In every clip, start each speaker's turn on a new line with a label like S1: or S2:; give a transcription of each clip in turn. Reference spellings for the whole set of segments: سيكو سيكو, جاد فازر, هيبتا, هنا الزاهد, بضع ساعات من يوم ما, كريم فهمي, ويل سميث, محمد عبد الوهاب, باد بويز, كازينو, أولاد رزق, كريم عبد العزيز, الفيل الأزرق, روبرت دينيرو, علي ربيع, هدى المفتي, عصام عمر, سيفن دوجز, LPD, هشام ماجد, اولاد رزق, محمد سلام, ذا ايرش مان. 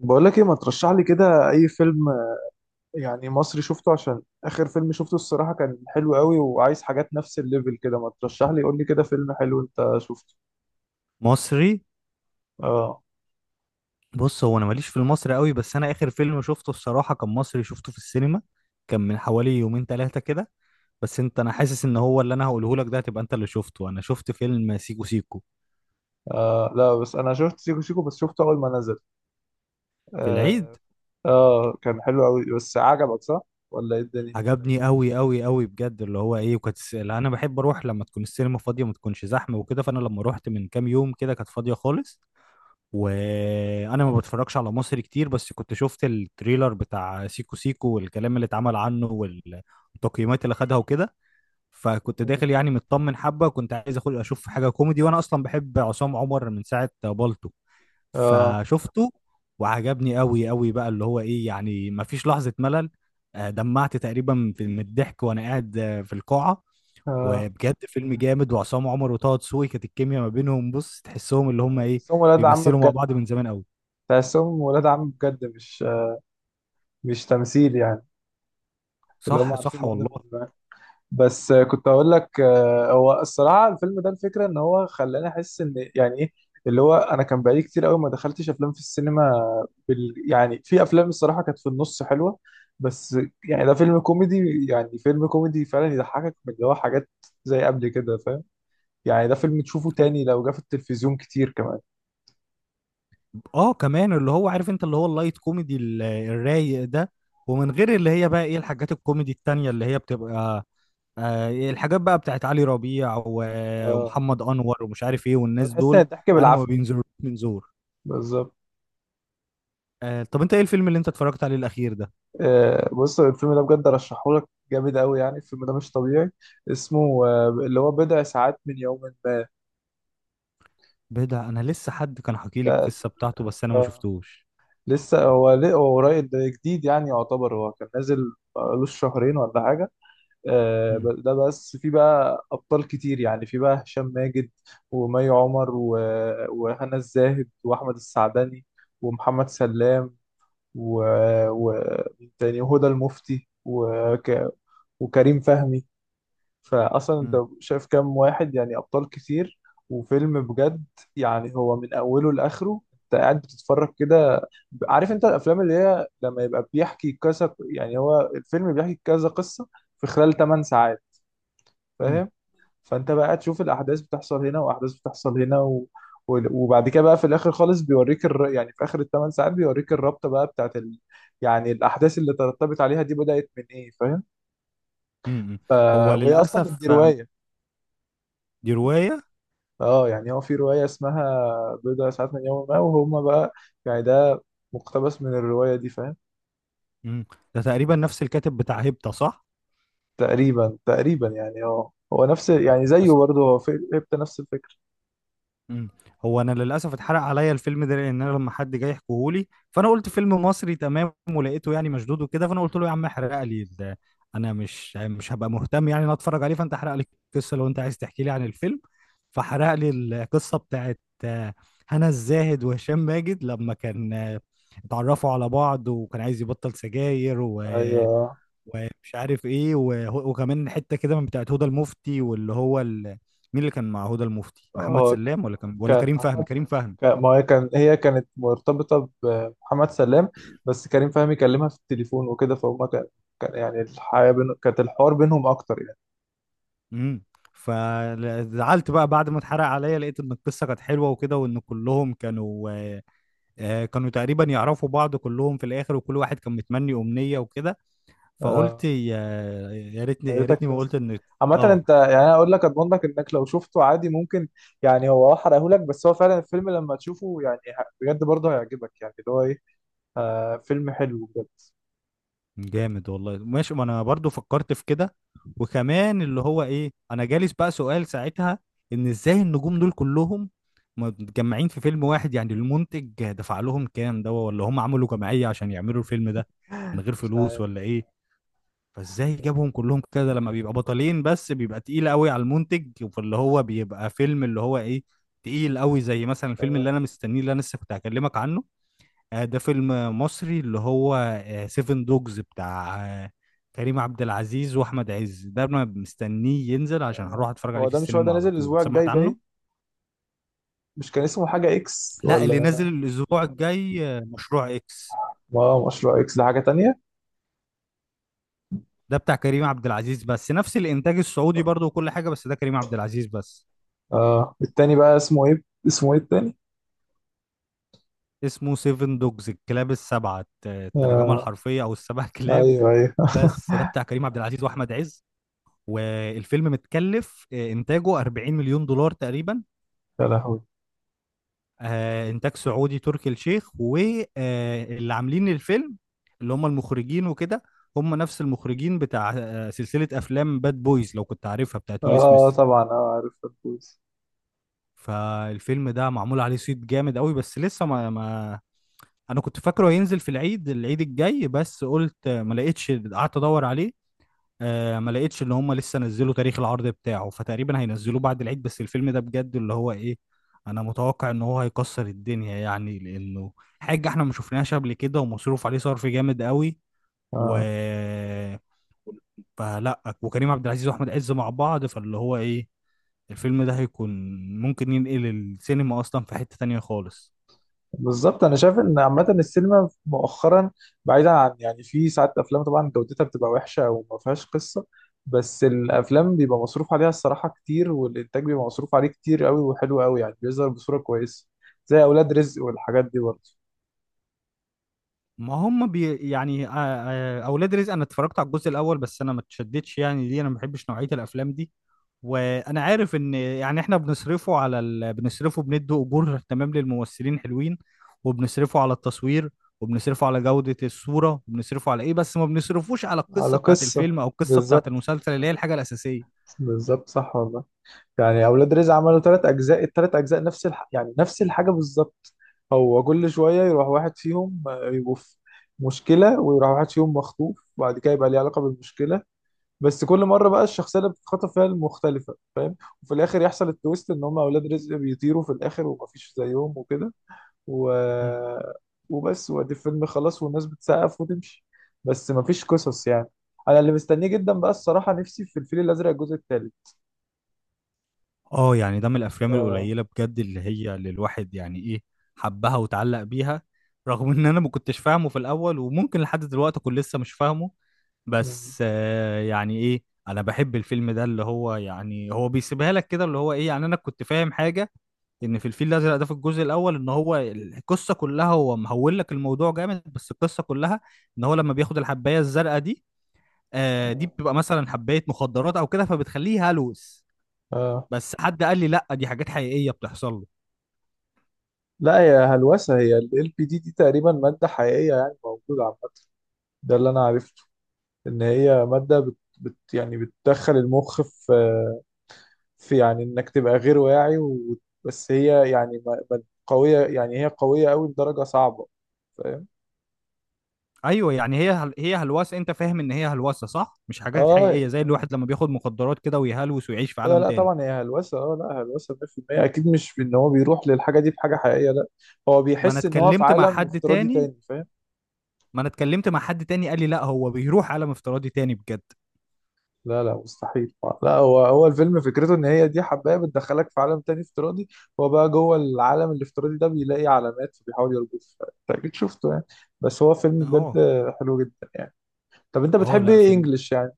S1: بقول لك ايه، ما ترشح لي كده اي فيلم يعني مصري شفته؟ عشان اخر فيلم شفته الصراحة كان حلو قوي، وعايز حاجات نفس الليفل كده. ما ترشح لي، قول لي كده فيلم حلو انت شفته.
S2: مصري.
S1: اه,
S2: بص، هو انا ماليش في المصري قوي، بس انا اخر فيلم شفته الصراحه كان مصري، شفته في السينما. كان من حوالي يومين ثلاثه كده. بس انت، انا حاسس ان هو اللي انا هقوله لك ده هتبقى انت اللي شفته. انا شفت فيلم سيكو سيكو
S1: آه لا، بس انا شفت سيكو سيكو، بس شفته اول ما نزل.
S2: في العيد.
S1: اه, آه، كان حلو قوي، بس عجبك صح ولا ايه الدنيا؟
S2: عجبني قوي قوي قوي بجد، اللي هو ايه، وكانت اللي انا بحب اروح لما تكون السينما فاضيه ما تكونش زحمه وكده، فانا لما رحت من كام يوم كده كانت فاضيه خالص. وانا ما بتفرجش على مصري كتير، بس كنت شفت التريلر بتاع سيكو سيكو والكلام اللي اتعمل عنه وال... التقييمات اللي خدها وكده. فكنت داخل يعني مطمن حبه، وكنت عايز اخد اشوف حاجه كوميدي، وانا اصلا بحب عصام عمر من ساعه بالطو.
S1: اه
S2: فشفته وعجبني قوي قوي بقى، اللي هو ايه يعني ما فيش لحظه ملل. دمعت تقريبا من الضحك وانا قاعد في القاعه.
S1: اه
S2: وبجد فيلم جامد، وعصام عمر وطه دسوقي كانت الكيمياء ما بينهم، بص تحسهم اللي هم
S1: آه،
S2: ايه،
S1: تحسهم ولاد عم
S2: بيمثلوا مع
S1: بجد.
S2: بعض من زمان قوي.
S1: تحسهم ولاد عم بجد، مش تمثيل يعني. اللي هم
S2: صح صح
S1: عارفين بعض.
S2: والله.
S1: بس آه، كنت اقول لك، آه، هو الصراحه الفيلم ده الفكره ان هو خلاني احس ان يعني ايه، اللي هو انا كان بقالي كتير قوي ما دخلتش افلام في السينما. بال يعني في افلام الصراحه كانت في النص حلوه، بس يعني ده فيلم كوميدي، يعني فيلم كوميدي فعلا يضحكك من اللي هو حاجات زي قبل كده، فاهم؟ يعني ده فيلم تشوفه تاني لو جه في التلفزيون كتير كمان.
S2: اه كمان اللي هو عارف انت، اللي هو اللايت كوميدي الرايق ده، ومن غير اللي هي بقى ايه الحاجات الكوميدي التانية اللي هي بتبقى آه إيه الحاجات بقى بتاعت علي ربيع
S1: اه،
S2: ومحمد انور ومش عارف ايه والناس
S1: هتحس ان
S2: دول.
S1: الضحك
S2: انا ما
S1: بالعافيه.
S2: بينزلوش من زور.
S1: بالظبط.
S2: آه طب انت ايه الفيلم اللي انت اتفرجت عليه الاخير ده؟
S1: آه، بص الفيلم ده بجد ارشحه لك جامد قوي، يعني الفيلم ده مش طبيعي. اسمه آه، اللي هو بضع ساعات من يوم ما.
S2: بدا، انا لسه حد كان حكي لي
S1: ده
S2: القصة بتاعته بس انا ما
S1: آه،
S2: شفتوش.
S1: لسه هو قريب، ده جديد يعني، يعتبر هو كان نازل بقالوش شهرين ولا حاجة. آه،
S2: مم،
S1: ده بس في بقى أبطال كتير، يعني في بقى هشام ماجد ومي عمر وهنا الزاهد وأحمد السعدني ومحمد سلام ومين تاني، وهدى المفتي وكريم فهمي. فاصلا انت
S2: مم،
S1: شايف كام واحد، يعني ابطال كتير. وفيلم بجد، يعني هو من اوله لاخره انت قاعد بتتفرج كده. عارف انت الافلام اللي هي لما يبقى بيحكي كذا، يعني هو الفيلم بيحكي كذا قصة في خلال 8 ساعات،
S2: مم،
S1: فاهم؟ فانت بقى تشوف الاحداث بتحصل هنا واحداث بتحصل هنا وبعد كده بقى في الاخر خالص يعني في اخر الثمان ساعات بيوريك الرابطه بقى بتاعت يعني الاحداث اللي ترتبت عليها دي بدات من ايه، فاهم؟
S2: مم، مم.
S1: ف...
S2: هو
S1: وهي اصلا دي
S2: للاسف
S1: روايه.
S2: دي رواية.
S1: اه، يعني هو في رواية اسمها بضع ساعات من يوم ما، وهما بقى يعني ده مقتبس من الرواية دي، فاهم؟
S2: مم. ده تقريبا نفس الكاتب بتاع هيبتا صح؟
S1: تقريبا تقريبا، يعني اه هو نفس، يعني زيه برضه، هو في هبت نفس الفكرة.
S2: مم. هو انا للاسف اتحرق عليا الفيلم ده، لان انا لما حد جاي يحكيهولي فانا قلت فيلم مصري تمام، ولقيته يعني مشدود وكده، فانا قلت له يا عم احرق لي ده. انا مش هبقى مهتم يعني إن انا اتفرج عليه، فانت احرق لي القصه، لو انت عايز تحكي لي عن الفيلم فحرق لي القصه بتاعت هنا الزاهد وهشام ماجد لما كان اتعرفوا على بعض، وكان عايز يبطل سجاير و...
S1: ايوه.
S2: ومش عارف ايه، وكمان حته كده من بتاعت هدى المفتي واللي هو ال... مين اللي كان مع هدى المفتي، محمد
S1: اه،
S2: سلام ولا كان ولا
S1: كان
S2: كريم فهمي؟
S1: محمد.
S2: كريم فهمي.
S1: ما هي كان هي كانت مرتبطة بمحمد سلام، بس كريم فهمي كلمها في التليفون وكده، فهم كان، كان يعني الحياة بين، كانت الحوار بينهم أكتر يعني.
S2: امم. فزعلت بقى بعد ما اتحرق عليا، لقيت ان القصه كانت حلوه وكده، وان كلهم كانوا كانوا تقريبا يعرفوا بعض كلهم في الاخر، وكل واحد كان متمني امنيه وكده. فقلت
S1: اه،
S2: يا، يا ريتني
S1: يا
S2: يا
S1: ريتك
S2: ريتني ما
S1: شفت.
S2: قلت ان
S1: عامة
S2: اه.
S1: انت يعني انا اقول لك اضمن لك انك لو شفته عادي ممكن، يعني هو احرقهولك، بس هو فعلا الفيلم لما تشوفه يعني بجد برضه هيعجبك، يعني اللي هو ايه، آه فيلم حلو بجد.
S2: جامد والله. ماشي، ما انا برضو فكرت في كده. وكمان اللي هو ايه، انا جالس بقى سؤال ساعتها ان ازاي النجوم دول كلهم متجمعين في فيلم واحد. يعني المنتج دفع لهم كام ده، ولا هم عملوا جمعية عشان يعملوا الفيلم ده من غير
S1: مش
S2: فلوس
S1: عارف.
S2: ولا ايه؟ فازاي جابهم كلهم كده؟ لما بيبقى بطلين بس بيبقى تقيل قوي على المنتج، فاللي هو بيبقى فيلم اللي هو ايه، تقيل قوي، زي مثلا الفيلم اللي
S1: آه.
S2: انا مستنيه اللي انا لسه كنت هكلمك عنه. ده فيلم مصري اللي هو سيفن دوجز، بتاع كريم عبد العزيز واحمد عز. ده انا مستنيه ينزل عشان
S1: آه،
S2: هروح اتفرج عليه
S1: هو
S2: في
S1: ده، مش هو ده
S2: السينما على
S1: نازل
S2: طول،
S1: الاسبوع الجاي
S2: سمعت عنه.
S1: باين؟ مش كان اسمه حاجة اكس
S2: لا، اللي نازل
S1: ولا؟
S2: الاسبوع الجاي مشروع اكس.
S1: ما مشروع اكس ده حاجة تانية.
S2: ده بتاع كريم عبد العزيز بس، نفس الانتاج السعودي برضه وكل حاجه، بس ده كريم عبد العزيز بس.
S1: آه التاني بقى اسمه ايه، اسمه ايه التاني؟
S2: اسمه سيفن دوجز، الكلاب السبعه الترجمه
S1: آه
S2: الحرفيه، او السبع كلاب.
S1: ايوه ايوه.
S2: بس ده بتاع كريم عبد العزيز واحمد عز. والفيلم متكلف انتاجه 40 مليون دولار تقريبا.
S1: يا لهوي.
S2: انتاج سعودي، تركي الشيخ واللي عاملين الفيلم اللي هم المخرجين وكده، هم نفس المخرجين بتاع سلسلة افلام باد بويز، لو كنت عارفها، بتاعت ويل
S1: اه
S2: سميث.
S1: طبعا، اه عارف الفوز.
S2: فالفيلم ده معمول عليه صيت جامد قوي، بس لسه ما انا كنت فاكره هينزل في العيد، العيد الجاي، بس قلت ما لقيتش، قعدت ادور عليه. آه ما لقيتش ان هم لسه نزلوا تاريخ العرض بتاعه، فتقريبا هينزلوه بعد العيد. بس الفيلم ده بجد اللي هو ايه، انا متوقع ان هو هيكسر الدنيا، يعني لانه حاجة احنا ما شفناهاش قبل كده، ومصروف عليه صرف جامد قوي. و،
S1: اه.
S2: فلا، وكريم عبد العزيز واحمد عز مع بعض، فاللي هو ايه، الفيلم ده هيكون ممكن ينقل السينما اصلا في حتة تانية خالص.
S1: بالظبط، انا شايف ان عامه السينما مؤخرا، بعيدا عن، يعني في ساعات افلام طبعا جودتها بتبقى وحشه او ما فيهاش قصه، بس الافلام بيبقى مصروف عليها الصراحه كتير، والانتاج بيبقى مصروف عليه كتير قوي وحلو قوي، يعني بيظهر بصوره كويسه، زي اولاد رزق والحاجات دي برضه.
S2: ما هم بي يعني اولاد رزق، انا اتفرجت على الجزء الاول بس انا ما اتشدتش، يعني ليه، انا ما بحبش نوعيه الافلام دي. وانا عارف ان يعني احنا بنصرفه على ال... بنصرفه بندوا اجور تمام للممثلين حلوين، وبنصرفه على التصوير، وبنصرفه على جودة الصورة، وبنصرفه على ايه، بس ما بنصرفوش على
S1: على
S2: القصة بتاعت
S1: قصة،
S2: الفيلم او القصة بتاعت
S1: بالظبط.
S2: المسلسل اللي هي الحاجة الأساسية.
S1: بالظبط، صح والله. يعني اولاد رزق عملوا ثلاث اجزاء، الثلاث اجزاء نفس يعني نفس الحاجه بالظبط. هو كل شويه يروح واحد فيهم آه، يبقوا في مشكله، ويروح واحد فيهم مخطوف وبعد كده يبقى ليه علاقه بالمشكله، بس كل مره بقى الشخصيه اللي بتتخطف فيها المختلفه، فاهم؟ وفي الاخر يحصل التويست ان هم اولاد رزق بيطيروا في الاخر ومفيش زيهم وكده و... وبس، وادي الفيلم خلاص، والناس بتسقف وتمشي. بس مفيش قصص يعني. انا اللي مستنيه جدا بقى الصراحه نفسي في الفيل الازرق الجزء الثالث.
S2: اه يعني ده من الافلام
S1: آه.
S2: القليله بجد اللي هي اللي الواحد يعني ايه، حبها وتعلق بيها، رغم ان انا ما كنتش فاهمه في الاول وممكن لحد دلوقتي اكون لسه مش فاهمه.
S1: يعني،
S2: بس آه يعني ايه، انا بحب الفيلم ده اللي هو، يعني هو بيسيبها لك كده اللي هو ايه. يعني انا كنت فاهم حاجه، ان في الفيل الازرق ده في الجزء الاول، ان هو القصه كلها هو مهول لك الموضوع جامد، بس القصه كلها ان هو لما بياخد الحبايه الزرقاء دي آه دي
S1: آه.
S2: بتبقى مثلا حبايه مخدرات او كده، فبتخليه هلوس.
S1: اه
S2: بس حد قال لي لا، دي حاجات حقيقية بتحصل له.
S1: لا، هي هلوسة. هي ال LPD دي، دي تقريبا مادة حقيقية يعني موجودة عامة. ده اللي أنا عرفته، إن هي مادة بت يعني بتدخل المخ في، في يعني إنك تبقى غير واعي و... بس هي يعني قوية، يعني هي قوية قوي لدرجة صعبة، فاهم؟
S2: ايوه يعني هي هي هلوسة، انت فاهم ان هي هلوسة صح، مش حاجات
S1: اه،
S2: حقيقية زي الواحد لما بياخد مخدرات كده ويهلوس ويعيش في
S1: هي
S2: عالم
S1: لا
S2: تاني.
S1: طبعا هي هلوسة، اه لا، هلوسة 100% أكيد، مش في إن هو بيروح للحاجة دي بحاجة حقيقية، لا. هو
S2: ما انا
S1: بيحس إن هو في
S2: اتكلمت مع
S1: عالم
S2: حد
S1: افتراضي
S2: تاني
S1: تاني، فاهم؟
S2: ما انا اتكلمت مع حد تاني قال لي لا، هو بيروح عالم افتراضي تاني بجد.
S1: لا لا مستحيل. لا، هو الفيلم فكرته ان هي دي حبايه بتدخلك في عالم تاني افتراضي، هو بقى جوه العالم الافتراضي ده بيلاقي علامات فبيحاول يربطها، انت اكيد شفته يعني. بس هو فيلم بجد
S2: اه.
S1: حلو جدا يعني. طب انت
S2: اه
S1: بتحب
S2: لا
S1: ايه،
S2: في،
S1: انجلش يعني؟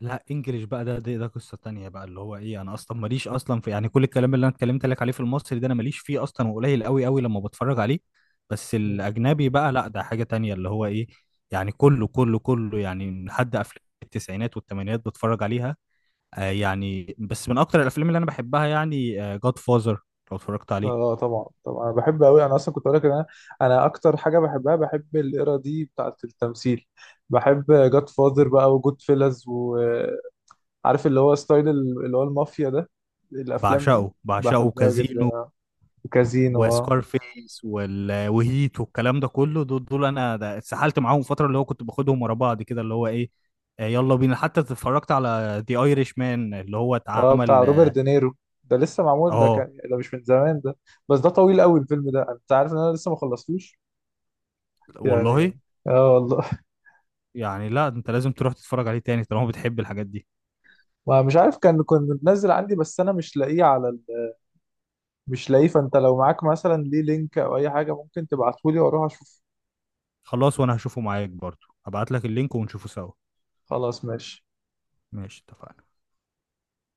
S2: لا انجليش بقى ده، ده قصة تانية بقى اللي هو ايه. انا اصلا ماليش اصلا في، يعني كل الكلام اللي انا اتكلمت لك عليه في المصري ده انا ماليش فيه اصلا، وقليل قوي قوي لما بتفرج عليه. بس
S1: مم.
S2: الاجنبي بقى لا، ده حاجة تانية اللي هو ايه، يعني كله يعني لحد افلام التسعينات والثمانينات بتفرج عليها. آه يعني بس من اكتر الافلام اللي انا بحبها يعني جاد فازر، لو اتفرجت عليه.
S1: اه طبعا طبعا، انا بحب قوي. انا اصلا كنت اقول لك ان انا، انا اكتر حاجه بحبها، بحب الايرا دي بتاعه التمثيل، بحب جاد فاذر بقى، وجود فيلز، وعارف اللي هو اللي هو المافيا ده، الافلام دي
S2: بعشقه، بعشقه
S1: بحبها جدا.
S2: كازينو
S1: كازينو اه.
S2: وسكارفيس وال... وهيت والكلام ده كله، دول دول انا ده اتسحلت معاهم فتره اللي هو كنت باخدهم ورا بعض كده اللي هو ايه. يلا بينا، حتى اتفرجت على ذا ايرش مان اللي هو
S1: اه بتاع
S2: اتعمل
S1: روبرت
S2: اه
S1: دينيرو. ده لسه معمول، ده
S2: آه،
S1: كان ده مش من زمان ده. بس ده طويل قوي الفيلم ده، انت عارف ان انا لسه ما خلصتوش
S2: والله.
S1: يعني. اه والله.
S2: يعني لا انت لازم تروح تتفرج عليه تاني طالما بتحب الحاجات دي.
S1: ما مش عارف، كان كنت منزل عندي، بس انا مش لاقيه على مش لاقيه، فانت لو معاك مثلا ليه لينك او اي حاجه ممكن تبعتهولي واروح اشوف.
S2: خلاص، وانا هشوفه معاك برضو، هبعت لك اللينك ونشوفه سوا.
S1: خلاص ماشي.
S2: ماشي، اتفقنا.